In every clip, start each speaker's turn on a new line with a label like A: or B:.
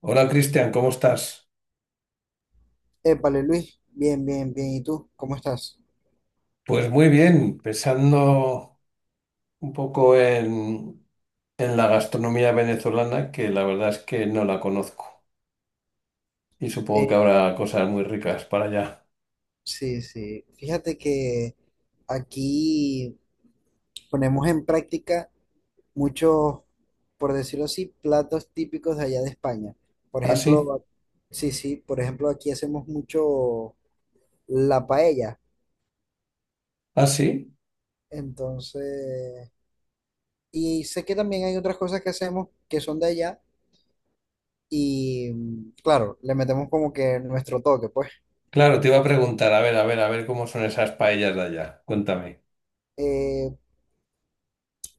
A: Hola Cristian, ¿cómo estás?
B: Épale, Luis, bien, bien, bien. ¿Y tú? ¿Cómo estás?
A: Pues muy bien, pensando un poco en la gastronomía venezolana, que la verdad es que no la conozco y supongo que
B: Eh,
A: habrá cosas muy ricas para allá.
B: sí, sí. Fíjate que aquí ponemos en práctica muchos, por decirlo así, platos típicos de allá de España. Por
A: ¿Ah, sí?
B: ejemplo, sí, sí, por ejemplo, aquí hacemos mucho la paella.
A: ¿Ah, sí?
B: Entonces, y sé que también hay otras cosas que hacemos que son de allá y, claro, le metemos como que nuestro toque, pues.
A: Claro, te iba a preguntar, a ver, a ver, a ver cómo son esas paellas de allá. Cuéntame.
B: Eh,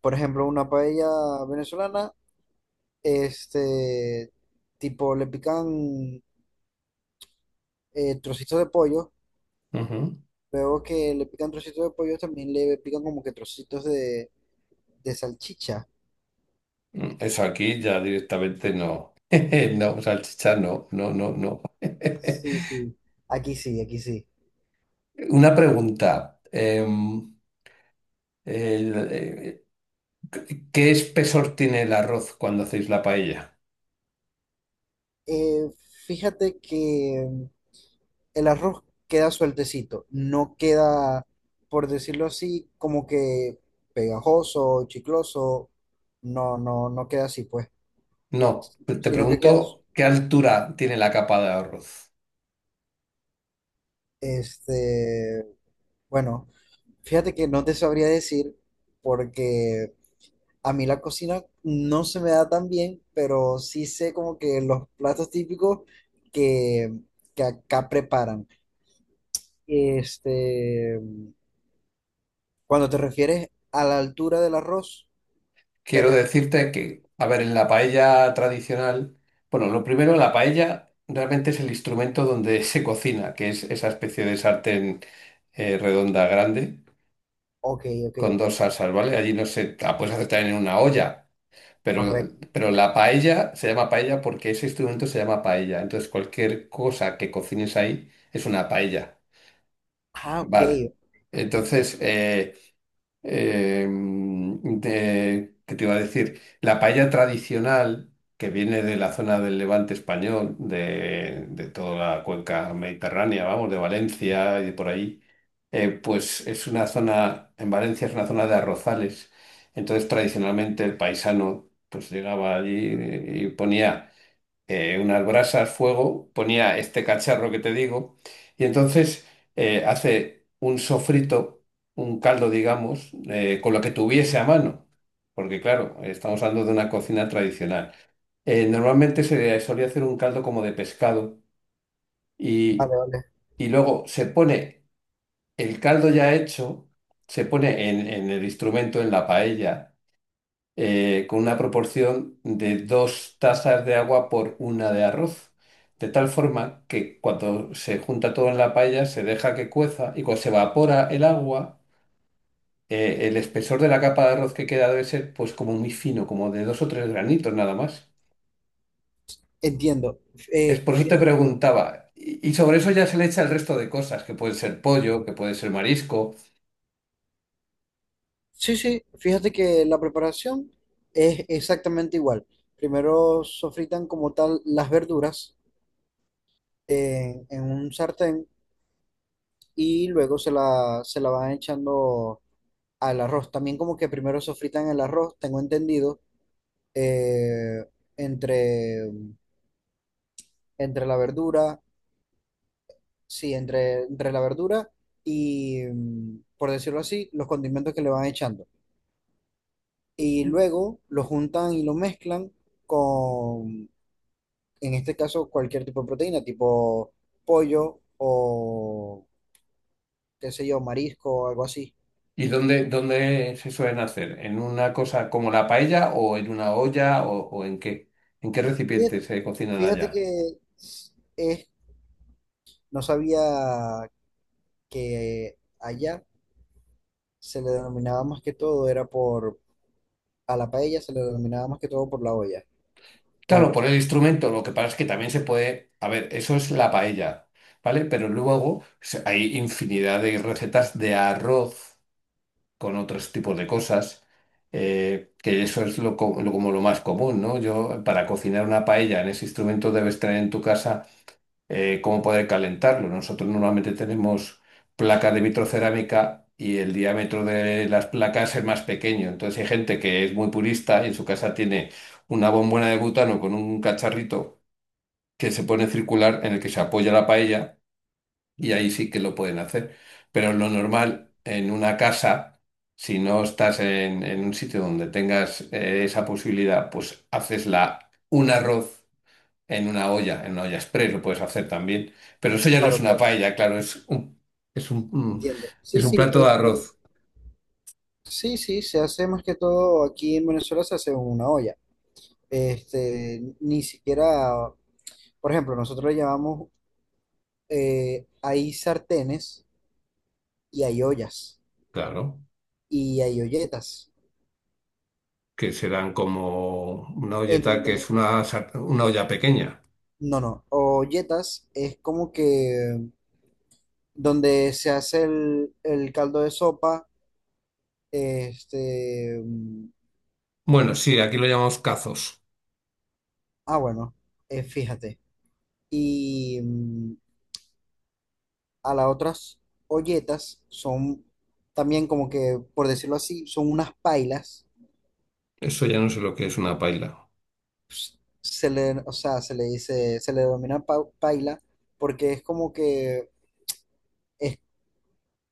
B: por ejemplo, una paella venezolana. Este, Tipo, le pican trocitos de pollo.
A: Ujú.
B: Luego que le pican trocitos de pollo, también le pican como que trocitos de salchicha.
A: Mm, eso aquí ya directamente no. No, salchicha no, no, no, no.
B: Sí, sí. Aquí sí, aquí sí.
A: Una pregunta. El- eh, ¿Qué espesor tiene el arroz cuando hacéis la paella?
B: Eh, Fíjate que el arroz queda sueltecito, no queda, por decirlo así, como que pegajoso, chicloso. No, no, no queda así, pues.
A: No, te
B: Sino que queda,
A: pregunto qué altura tiene la capa de arroz.
B: este, bueno, fíjate que no te sabría decir porque a mí la cocina no se me da tan bien, pero sí sé como que los platos típicos que, que acá preparan. Este, cuando te refieres a la altura del arroz, te
A: Quiero
B: re-
A: decirte que, a ver, en la paella tradicional, bueno, lo primero, la paella realmente es el instrumento donde se cocina, que es esa especie de sartén redonda grande
B: ok, ok,
A: con
B: ok,
A: dos salsas, ¿vale? Allí no se, la puedes hacer también en una olla, pero,
B: correcto.
A: pero la paella se llama paella porque ese instrumento se llama paella. Entonces, cualquier cosa que cocines ahí es una paella.
B: Ah, ok,
A: Vale. Entonces, ¿qué te iba a decir? La paella tradicional, que viene de la zona del Levante español, de toda la cuenca mediterránea, vamos, de Valencia y de por ahí, pues es una zona, en Valencia es una zona de arrozales. Entonces, tradicionalmente el paisano pues llegaba allí y ponía unas brasas, fuego, ponía este cacharro que te digo, y entonces hace un sofrito, un caldo, digamos, con lo que tuviese a mano, porque claro, estamos hablando de una cocina tradicional. Normalmente se solía hacer un caldo como de pescado
B: vale,
A: y,
B: vale,
A: y luego se pone el caldo ya hecho, se pone en el instrumento, en la paella, con una proporción de dos tazas de agua por una de arroz. De tal forma que cuando se junta todo en la paella se deja que cueza y cuando se evapora el agua, el espesor de la capa de arroz que queda debe ser pues como muy fino, como de dos o tres granitos nada más.
B: entiendo.
A: Es por eso te
B: Fíjate.
A: preguntaba. Y sobre eso ya se le echa el resto de cosas, que puede ser pollo, que puede ser marisco.
B: Sí, sí, fíjate que la preparación es exactamente igual. Primero sofritan como tal las verduras en un sartén y luego se la van echando al arroz. También como que primero sofritan el arroz, tengo entendido, eh, entre, entre la verdura, sí, entre, entre la verdura y, por decirlo así, los condimentos que le van echando. Y luego lo juntan y lo mezclan con, en este caso cualquier tipo de proteína, tipo pollo o qué sé yo, marisco o algo así.
A: ¿Y dónde se suelen hacer? ¿En una cosa como la paella o en una olla o en qué? ¿En qué recipiente
B: Fíjate,
A: se cocinan
B: fíjate
A: allá?
B: que es, no sabía que allá se le denominaba más que todo, era por, a la paella se le denominaba más que todo por la olla. Eh,
A: Claro, por el instrumento, lo que pasa es que también se puede, a ver, eso es la paella, ¿vale? Pero luego hay infinidad de recetas de arroz con otros tipos de cosas, que eso es como lo más común, ¿no? Yo, para cocinar una paella en ese instrumento debes tener en tu casa cómo poder calentarlo. Nosotros normalmente tenemos placas de vitrocerámica y el diámetro de las placas es más pequeño. Entonces hay gente que es muy purista y en su casa tiene una bombona de butano con un cacharrito que se pone circular en el que se apoya la paella y ahí sí que lo pueden hacer. Pero lo normal en una casa, si no estás en un sitio donde tengas esa posibilidad, pues haces la, un arroz en una olla express lo puedes hacer también. Pero eso ya no es
B: claro,
A: una
B: claro,
A: paella, claro, es un, mm,
B: entiendo. Sí,
A: es un
B: sí,
A: plato de
B: este,
A: arroz,
B: sí, sí, se hace más que todo aquí en Venezuela se hace en una olla. Este, ni siquiera, por ejemplo, nosotros le llamamos hay sartenes y hay ollas
A: claro,
B: y hay olletas.
A: que serán como una
B: En
A: olleta que
B: donde,
A: es una olla pequeña.
B: no, no, olletas es como que donde se hace el caldo de sopa, este, mm,
A: Bueno, sí, aquí lo llamamos cazos.
B: ah, bueno, fíjate. Y a las otras olletas son también como que, por decirlo así, son unas pailas.
A: Eso ya no sé lo que es una paella.
B: Se le, o sea, se le dice, se le denomina paila porque es como que es,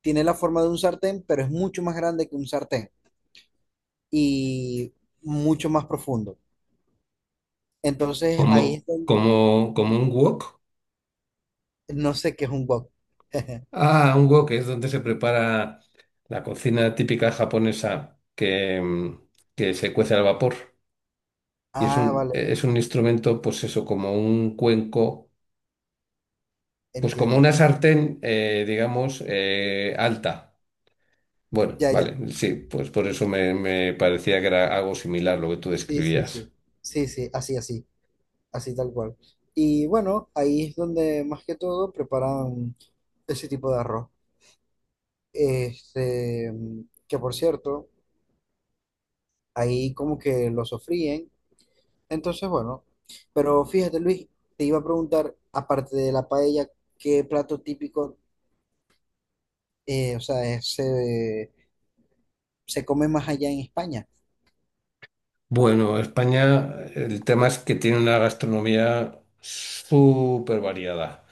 B: tiene la forma de un sartén, pero es mucho más grande que un sartén y mucho más profundo. Entonces ahí
A: Como,
B: está,
A: como, como un wok.
B: no sé qué es un wok.
A: Ah, un wok es donde se prepara la cocina típica japonesa que se cuece al vapor. Y es
B: Ah,
A: un,
B: vale,
A: es
B: vale,
A: un instrumento, pues eso, como un cuenco. Pues como
B: entiendo.
A: una sartén, digamos, alta. Bueno,
B: Ya, ya.
A: vale, sí, pues por eso me parecía que era algo similar lo que tú
B: Sí, sí,
A: describías.
B: sí. Sí, sí, así, así, así tal cual. Y bueno, ahí es donde más que todo preparan ese tipo de arroz. Este, que por cierto, ahí como que lo sofríen. Entonces, bueno, pero fíjate, Luis, te iba a preguntar, aparte de la paella, ¿qué plato típico, o sea, se come más allá en España?
A: Bueno, España, el tema es que tiene una gastronomía súper variada.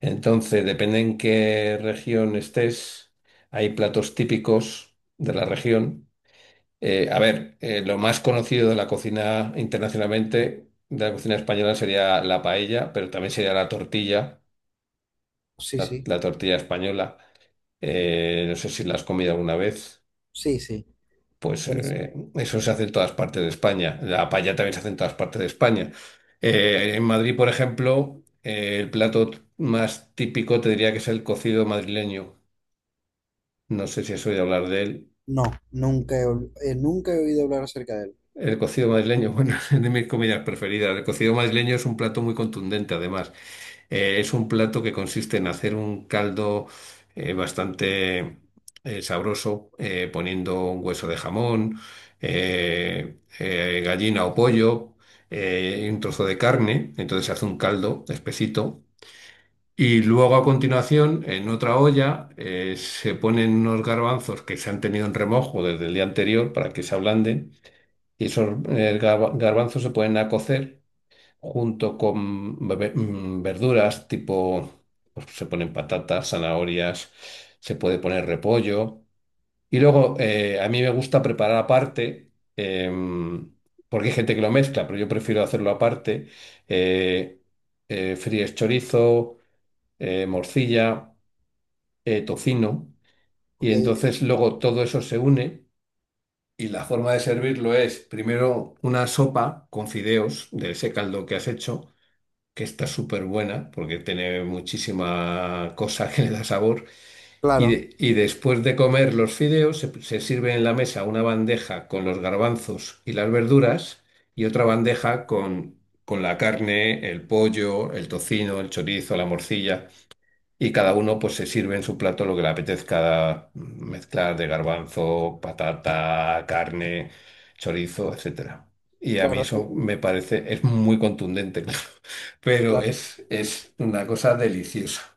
A: Entonces, depende en qué región estés, hay platos típicos de la región. A ver, lo más conocido de la cocina internacionalmente, de la cocina española, sería la paella, pero también sería la tortilla.
B: Sí,
A: la,
B: sí,
A: la tortilla española. No sé si la has comido alguna vez.
B: sí, sí,
A: Pues
B: buenísimo.
A: eso se hace en todas partes de España. La paella también se hace en todas partes de España. En Madrid, por ejemplo, el plato más típico te diría que es el cocido madrileño. No sé si has oído hablar de él.
B: No, nunca he oído hablar acerca de él.
A: El cocido madrileño, bueno, es de mis comidas preferidas. El cocido madrileño es un plato muy contundente, además. Es un plato que consiste en hacer un caldo bastante sabroso, poniendo un hueso de jamón, gallina o pollo, y un trozo de carne. Entonces se hace un caldo espesito. Y luego a continuación, en otra olla, se ponen unos garbanzos que se han tenido en remojo desde el día anterior para que se ablanden. Y esos garbanzos se ponen a cocer junto con verduras tipo, pues, se ponen patatas, zanahorias, se puede poner repollo. Y luego a mí me gusta preparar aparte, porque hay gente que lo mezcla, pero yo prefiero hacerlo aparte. eh, fríes chorizo, morcilla, tocino. Y
B: Ok, ok,
A: entonces luego todo eso se une. Y la forma de servirlo es primero una sopa con fideos de ese caldo que has hecho que está súper buena porque tiene muchísima cosa que le da sabor. Y,
B: claro,
A: de- y después de comer los fideos, se sirve en la mesa una bandeja con los garbanzos y las verduras y otra bandeja con la carne, el pollo, el tocino, el chorizo, la morcilla. Y cada uno pues se sirve en su plato lo que le apetezca mezclar de garbanzo, patata, carne, chorizo, etcétera. Y a mí
B: claro,
A: eso
B: es un,
A: me parece, es muy contundente. Pero
B: claro,
A: es una cosa deliciosa.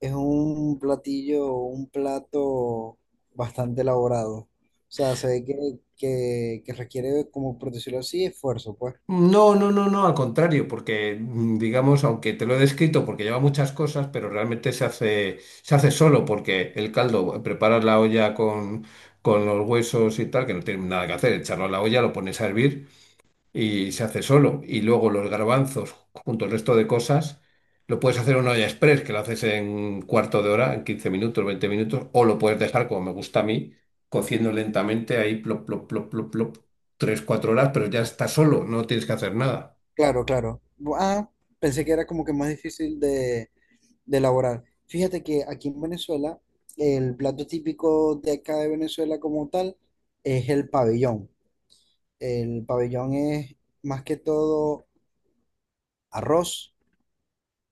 B: es un platillo, un plato bastante elaborado. O sea, se ve que, que requiere, como por decirlo así, esfuerzo, pues.
A: No, no, no, no, al contrario, porque digamos, aunque te lo he descrito porque lleva muchas cosas, pero realmente se hace solo porque el caldo, preparas la olla con los huesos y tal, que no tiene nada que hacer, echarlo a la olla, lo pones a hervir y se hace solo. Y luego los garbanzos, junto al resto de cosas, lo puedes hacer en una olla express, que lo haces en cuarto de hora, en 15 minutos, 20 minutos, o lo puedes dejar, como me gusta a mí, cociendo lentamente ahí, plop, plop, plop, plop, plop, 3 4 horas, pero ya está solo, no tienes que hacer nada.
B: Claro, claro. Ah, pensé que era como que más difícil de elaborar. Fíjate que aquí en Venezuela, el plato típico de acá de Venezuela como tal es el pabellón. El pabellón es más que todo arroz.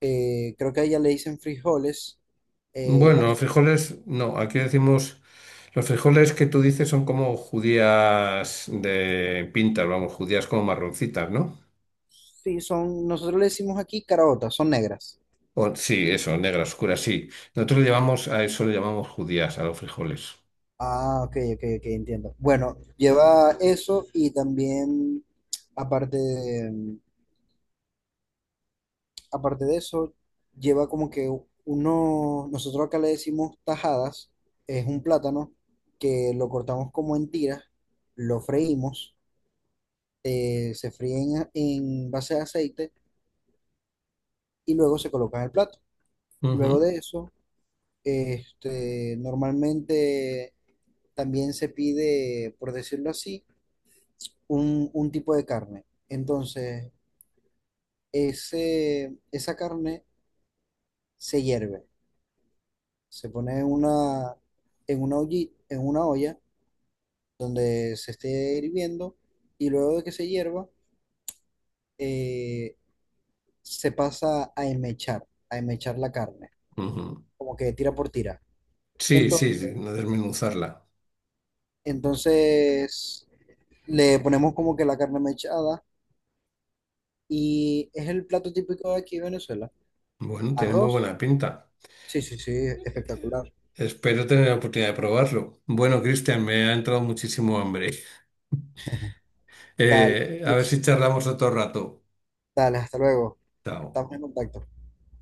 B: Eh, creo que a ella le dicen frijoles. eh,
A: Bueno,
B: aquí
A: los
B: le-
A: frijoles, no, aquí decimos, los frijoles que tú dices son como judías de pintas, vamos, judías como marroncitas, ¿no?
B: sí, son, nosotros le decimos aquí caraotas, son negras.
A: Sí, eso, negras oscuras, sí. Nosotros le llamamos, a eso le llamamos judías, a los frijoles.
B: Ah, ok, ok, ok, entiendo. Bueno, lleva eso y también, aparte, aparte de eso, lleva como que uno, nosotros acá le decimos tajadas, es un plátano que lo cortamos como en tiras, lo freímos, se fríen en base de aceite y luego se coloca en el plato. Luego
A: Ujú,
B: de eso, normalmente también se pide, por decirlo así, un tipo de carne. Entonces, ese, esa carne se hierve. Se pone en una, en una, en una olla, se esté hirviendo y luego de que se hierva, eh, se pasa a enmechar la carne,
A: ujú.
B: como que tira por tira.
A: Sí, sí,
B: Entonces,
A: sí, no desmenuzarla.
B: entonces le ponemos como que la carne mechada y es el plato típico de aquí de Venezuela.
A: Bueno, tiene muy
B: Arroz.
A: buena pinta.
B: Sí, sí, sí, espectacular.
A: Espero tener la oportunidad de probarlo. Bueno, Cristian, me ha entrado muchísimo hambre.
B: Dale,
A: A ver
B: Luis.
A: si charlamos otro rato.
B: Dale, hasta luego.
A: Chao.
B: Estamos en contacto.